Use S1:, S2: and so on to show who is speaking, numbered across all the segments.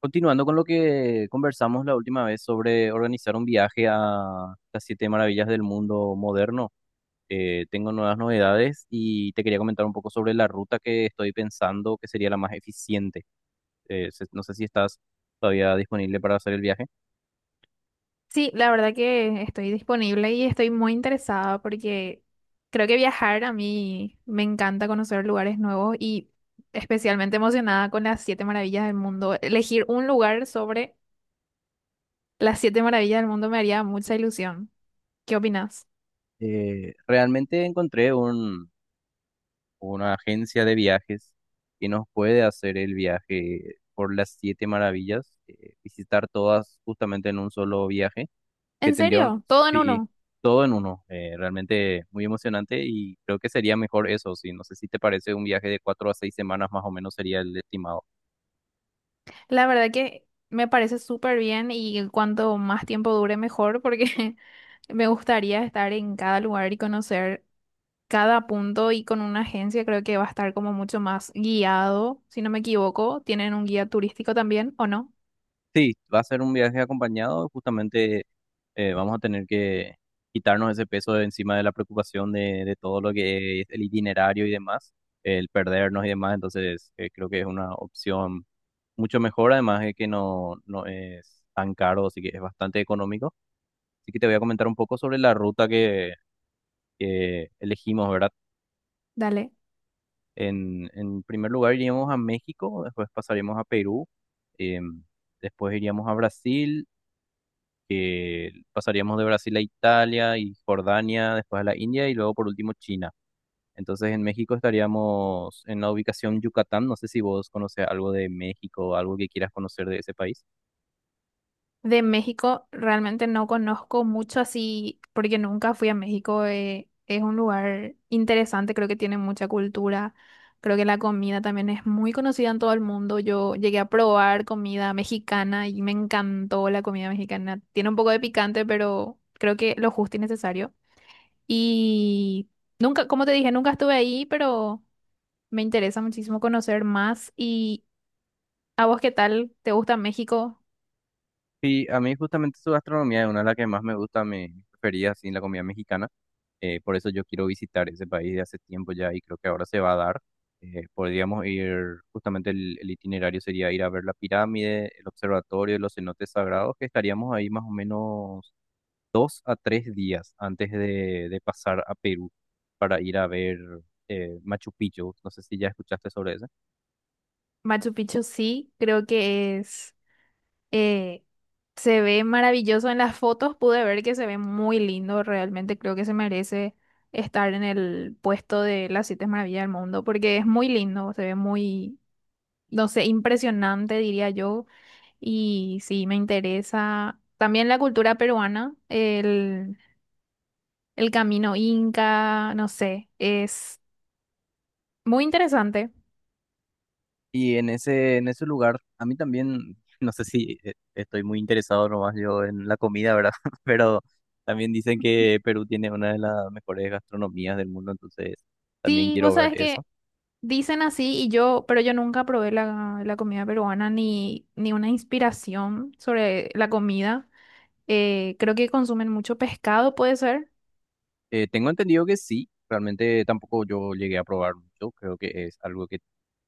S1: Continuando con lo que conversamos la última vez sobre organizar un viaje a las siete maravillas del mundo moderno, tengo nuevas novedades y te quería comentar un poco sobre la ruta que estoy pensando que sería la más eficiente. No sé si estás todavía disponible para hacer el viaje.
S2: Sí, la verdad que estoy disponible y estoy muy interesada porque creo que viajar a mí me encanta conocer lugares nuevos y especialmente emocionada con las siete maravillas del mundo. Elegir un lugar sobre las siete maravillas del mundo me haría mucha ilusión. ¿Qué opinas?
S1: Realmente una agencia de viajes que nos puede hacer el viaje por las siete maravillas, visitar todas justamente en un solo viaje que
S2: ¿En
S1: tendrían,
S2: serio? Todo en
S1: sí,
S2: uno.
S1: todo en uno. Realmente muy emocionante y creo que sería mejor eso, sí. No sé si te parece, un viaje de cuatro a seis semanas más o menos sería el estimado.
S2: La verdad que me parece súper bien y cuanto más tiempo dure mejor porque me gustaría estar en cada lugar y conocer cada punto, y con una agencia creo que va a estar como mucho más guiado, si no me equivoco. ¿Tienen un guía turístico también o no?
S1: Sí, va a ser un viaje acompañado, justamente vamos a tener que quitarnos ese peso de encima de la preocupación de todo lo que es el itinerario y demás, el perdernos y demás, entonces creo que es una opción mucho mejor, además de que no es tan caro, así que es bastante económico. Así que te voy a comentar un poco sobre la ruta que elegimos, ¿verdad?
S2: Dale.
S1: En primer lugar iríamos a México, después pasaríamos a Perú, em, después iríamos a Brasil, que pasaríamos de Brasil a Italia y Jordania, después a la India y luego por último China. Entonces en México estaríamos en la ubicación Yucatán. No sé si vos conoces algo de México o algo que quieras conocer de ese país.
S2: De México realmente no conozco mucho así porque nunca fui a México. Es un lugar interesante, creo que tiene mucha cultura. Creo que la comida también es muy conocida en todo el mundo. Yo llegué a probar comida mexicana y me encantó la comida mexicana. Tiene un poco de picante, pero creo que lo justo y necesario. Y nunca, como te dije, nunca estuve ahí, pero me interesa muchísimo conocer más. ¿Y a vos qué tal? ¿Te gusta México?
S1: Sí, a mí justamente su gastronomía es una de las que más me gusta, me prefería así en la comida mexicana. Por eso yo quiero visitar ese país de hace tiempo ya y creo que ahora se va a dar. Podríamos ir, justamente el itinerario sería ir a ver la pirámide, el observatorio, los cenotes sagrados, que estaríamos ahí más o menos dos a tres días antes de pasar a Perú para ir a ver, Machu Picchu. No sé si ya escuchaste sobre eso.
S2: Machu Picchu sí, creo que es, eh, se ve maravilloso en las fotos, pude ver que se ve muy lindo, realmente creo que se merece estar en el puesto de las siete maravillas del mundo, porque es muy lindo, se ve muy, no sé, impresionante, diría yo. Y sí, me interesa también la cultura peruana, el camino inca, no sé, es muy interesante.
S1: Y en ese lugar, a mí también, no sé si, estoy muy interesado nomás yo en la comida, ¿verdad? Pero también dicen que Perú tiene una de las mejores gastronomías del mundo, entonces también
S2: Sí,
S1: quiero
S2: vos
S1: ver
S2: sabes
S1: eso.
S2: que dicen así y yo, pero yo nunca probé la comida peruana, ni, ni una inspiración sobre la comida. Creo que consumen mucho pescado, puede ser.
S1: Tengo entendido que sí, realmente tampoco yo llegué a probar mucho, creo que es algo que,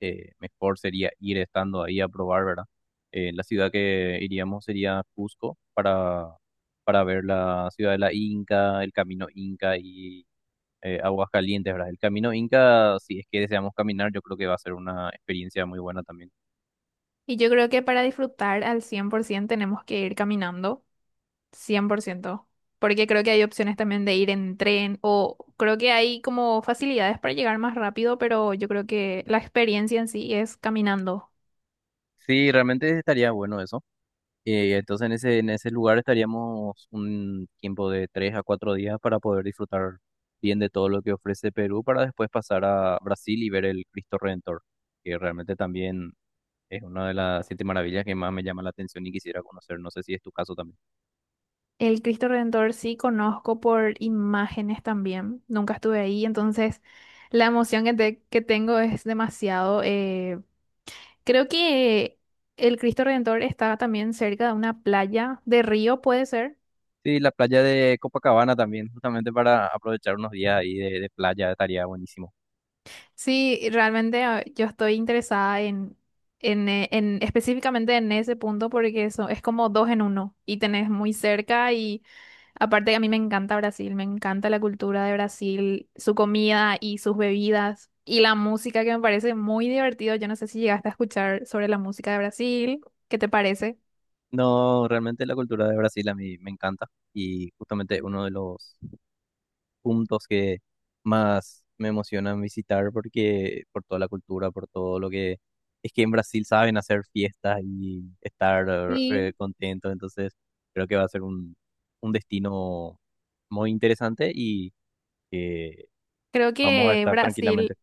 S1: mejor sería ir estando ahí a probar, ¿verdad? La ciudad que iríamos sería Cusco para ver la ciudad de la Inca, el camino Inca y, aguas calientes, ¿verdad? El camino Inca, si es que deseamos caminar, yo creo que va a ser una experiencia muy buena también.
S2: Y yo creo que para disfrutar al 100% tenemos que ir caminando, cien por ciento. Porque creo que hay opciones también de ir en tren o creo que hay como facilidades para llegar más rápido, pero yo creo que la experiencia en sí es caminando.
S1: Sí, realmente estaría bueno eso. Entonces en ese lugar estaríamos un tiempo de tres a cuatro días para poder disfrutar bien de todo lo que ofrece Perú, para después pasar a Brasil y ver el Cristo Redentor, que realmente también es una de las siete maravillas que más me llama la atención y quisiera conocer. No sé si es tu caso también.
S2: El Cristo Redentor sí conozco por imágenes también. Nunca estuve ahí, entonces la emoción que, que tengo es demasiado. Creo que el Cristo Redentor está también cerca de una playa de río, puede ser.
S1: Sí, la playa de Copacabana también, justamente para aprovechar unos días ahí de playa, estaría buenísimo.
S2: Sí, realmente ah, yo estoy interesada en, específicamente en ese punto, porque eso es como dos en uno y tenés muy cerca. Aparte, a mí me encanta Brasil, me encanta la cultura de Brasil, su comida y sus bebidas y la música que me parece muy divertido. Yo no sé si llegaste a escuchar sobre la música de Brasil, ¿qué te parece?
S1: No, realmente la cultura de Brasil a mí me encanta y justamente uno de los puntos que más me emocionan visitar, porque por toda la cultura, por todo lo que es, que en Brasil saben hacer fiestas y estar,
S2: Sí.
S1: contentos, entonces creo que va a ser un destino muy interesante y que
S2: Creo
S1: vamos a
S2: que
S1: estar tranquilamente.
S2: Brasil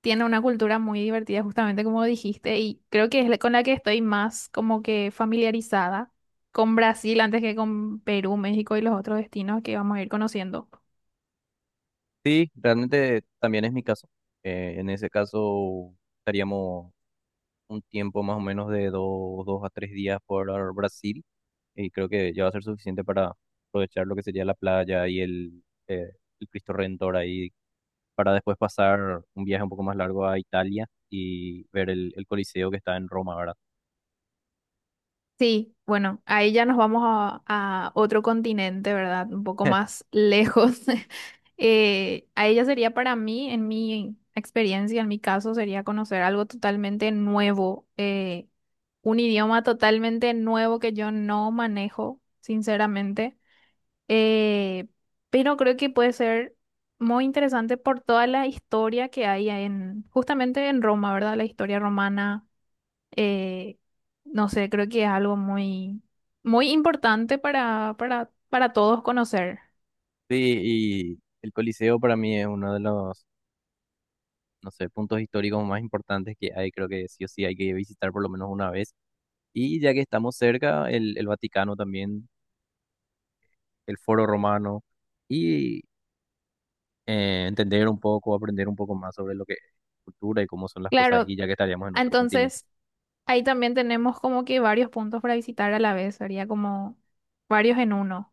S2: tiene una cultura muy divertida, justamente como dijiste, y creo que es con la que estoy más como que familiarizada, con Brasil antes que con Perú, México y los otros destinos que vamos a ir conociendo.
S1: Sí, realmente también es mi caso. En ese caso estaríamos un tiempo más o menos de dos a tres días por Brasil, y creo que ya va a ser suficiente para aprovechar lo que sería la playa y el Cristo Redentor ahí, para después pasar un viaje un poco más largo a Italia y ver el Coliseo que está en Roma, ¿verdad?
S2: Sí, bueno, ahí ya nos vamos a otro continente, ¿verdad? Un poco más lejos. Ahí ya sería para mí, en mi experiencia, en mi caso, sería conocer algo totalmente nuevo, un idioma totalmente nuevo que yo no manejo, sinceramente. Eh, pero creo que puede ser muy interesante por toda la historia que hay en, justamente en Roma, ¿verdad? La historia romana, eh, no sé, creo que es algo muy, muy importante para todos conocer.
S1: Sí, y el Coliseo para mí es uno de los, no sé, puntos históricos más importantes que hay, creo que sí o sí hay que visitar por lo menos una vez. Y ya que estamos cerca, el Vaticano también, el Foro Romano. Y, entender un poco, aprender un poco más sobre lo que es cultura y cómo son las cosas ahí,
S2: Claro,
S1: ya que estaríamos en otro continente.
S2: entonces ahí también tenemos como que varios puntos para visitar a la vez, sería como varios en uno.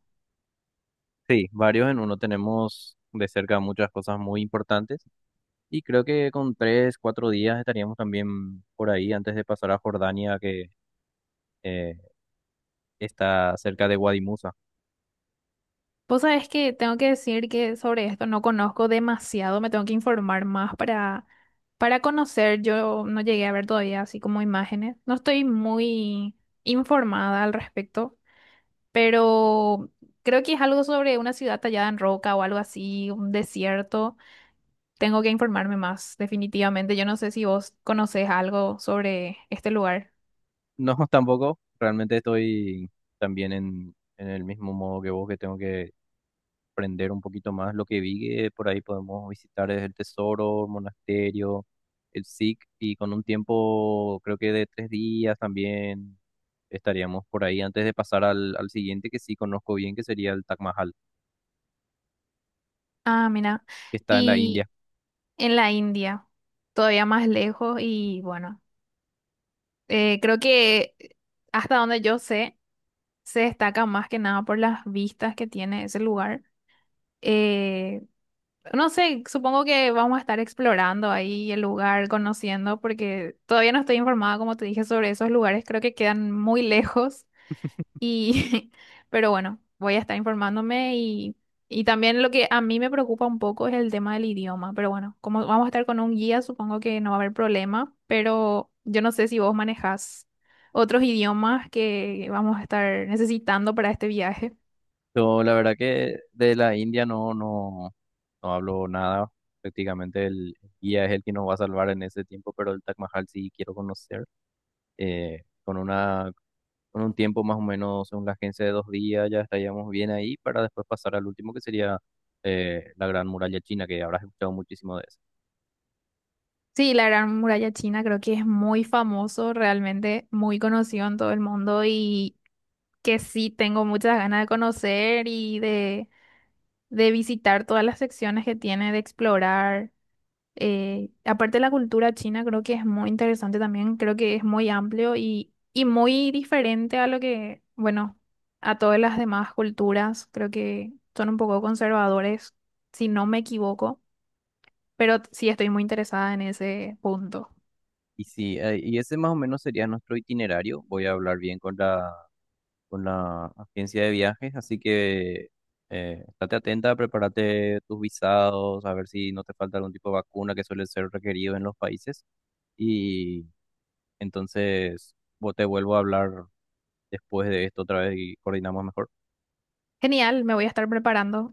S1: Sí, varios en uno, tenemos de cerca muchas cosas muy importantes y creo que con tres, cuatro días estaríamos también por ahí, antes de pasar a Jordania, que, eh, está cerca de Wadi Musa.
S2: Vos sabés que tengo que decir que sobre esto no conozco demasiado, me tengo que informar más para conocer. Yo no llegué a ver todavía así como imágenes, no estoy muy informada al respecto. Pero creo que es algo sobre una ciudad tallada en roca o algo así, un desierto. Tengo que informarme más, definitivamente. Yo no sé si vos conocés algo sobre este lugar.
S1: No, tampoco, realmente estoy también en el mismo modo que vos, que tengo que aprender un poquito más. Lo que vi que por ahí podemos visitar es el tesoro, el monasterio, el SIC, y con un tiempo creo que de tres días también estaríamos por ahí antes de pasar al siguiente que sí conozco bien, que sería el Taj Mahal,
S2: Ah, mira.
S1: que está en la
S2: Y
S1: India.
S2: en la India, todavía más lejos y bueno, creo que hasta donde yo sé, se destaca más que nada por las vistas que tiene ese lugar. Eh, No sé, supongo que vamos a estar explorando ahí el lugar, conociendo, porque todavía no estoy informada, como te dije, sobre esos lugares. Creo que quedan muy lejos y, pero bueno, voy a estar informándome y también lo que a mí me preocupa un poco es el tema del idioma. Pero bueno, como vamos a estar con un guía, supongo que no va a haber problema, pero yo no sé si vos manejás otros idiomas que vamos a estar necesitando para este viaje.
S1: Yo la verdad que de la India no hablo nada. Prácticamente el guía es el que nos va a salvar en ese tiempo, pero el Taj Mahal sí quiero conocer. eh, con una con un tiempo más o menos, según la agencia, de dos días, ya estaríamos bien ahí, para después pasar al último, que sería, la Gran Muralla China, que habrás escuchado muchísimo de eso.
S2: Sí, la Gran Muralla China creo que es muy famoso, realmente muy conocido en todo el mundo y que sí tengo muchas ganas de conocer y de visitar todas las secciones que tiene, de explorar. Aparte la cultura china creo que es muy interesante también, creo que es muy amplio y muy diferente a lo que, bueno, a todas las demás culturas, creo que son un poco conservadores, si no me equivoco, pero sí estoy muy interesada en ese punto.
S1: Y sí, y ese más o menos sería nuestro itinerario. Voy a hablar bien con con la agencia de viajes, así que, estate atenta, prepárate tus visados, a ver si no te falta algún tipo de vacuna que suele ser requerido en los países. Y entonces, vos, te vuelvo a hablar después de esto otra vez y coordinamos mejor.
S2: Genial, me voy a estar preparando.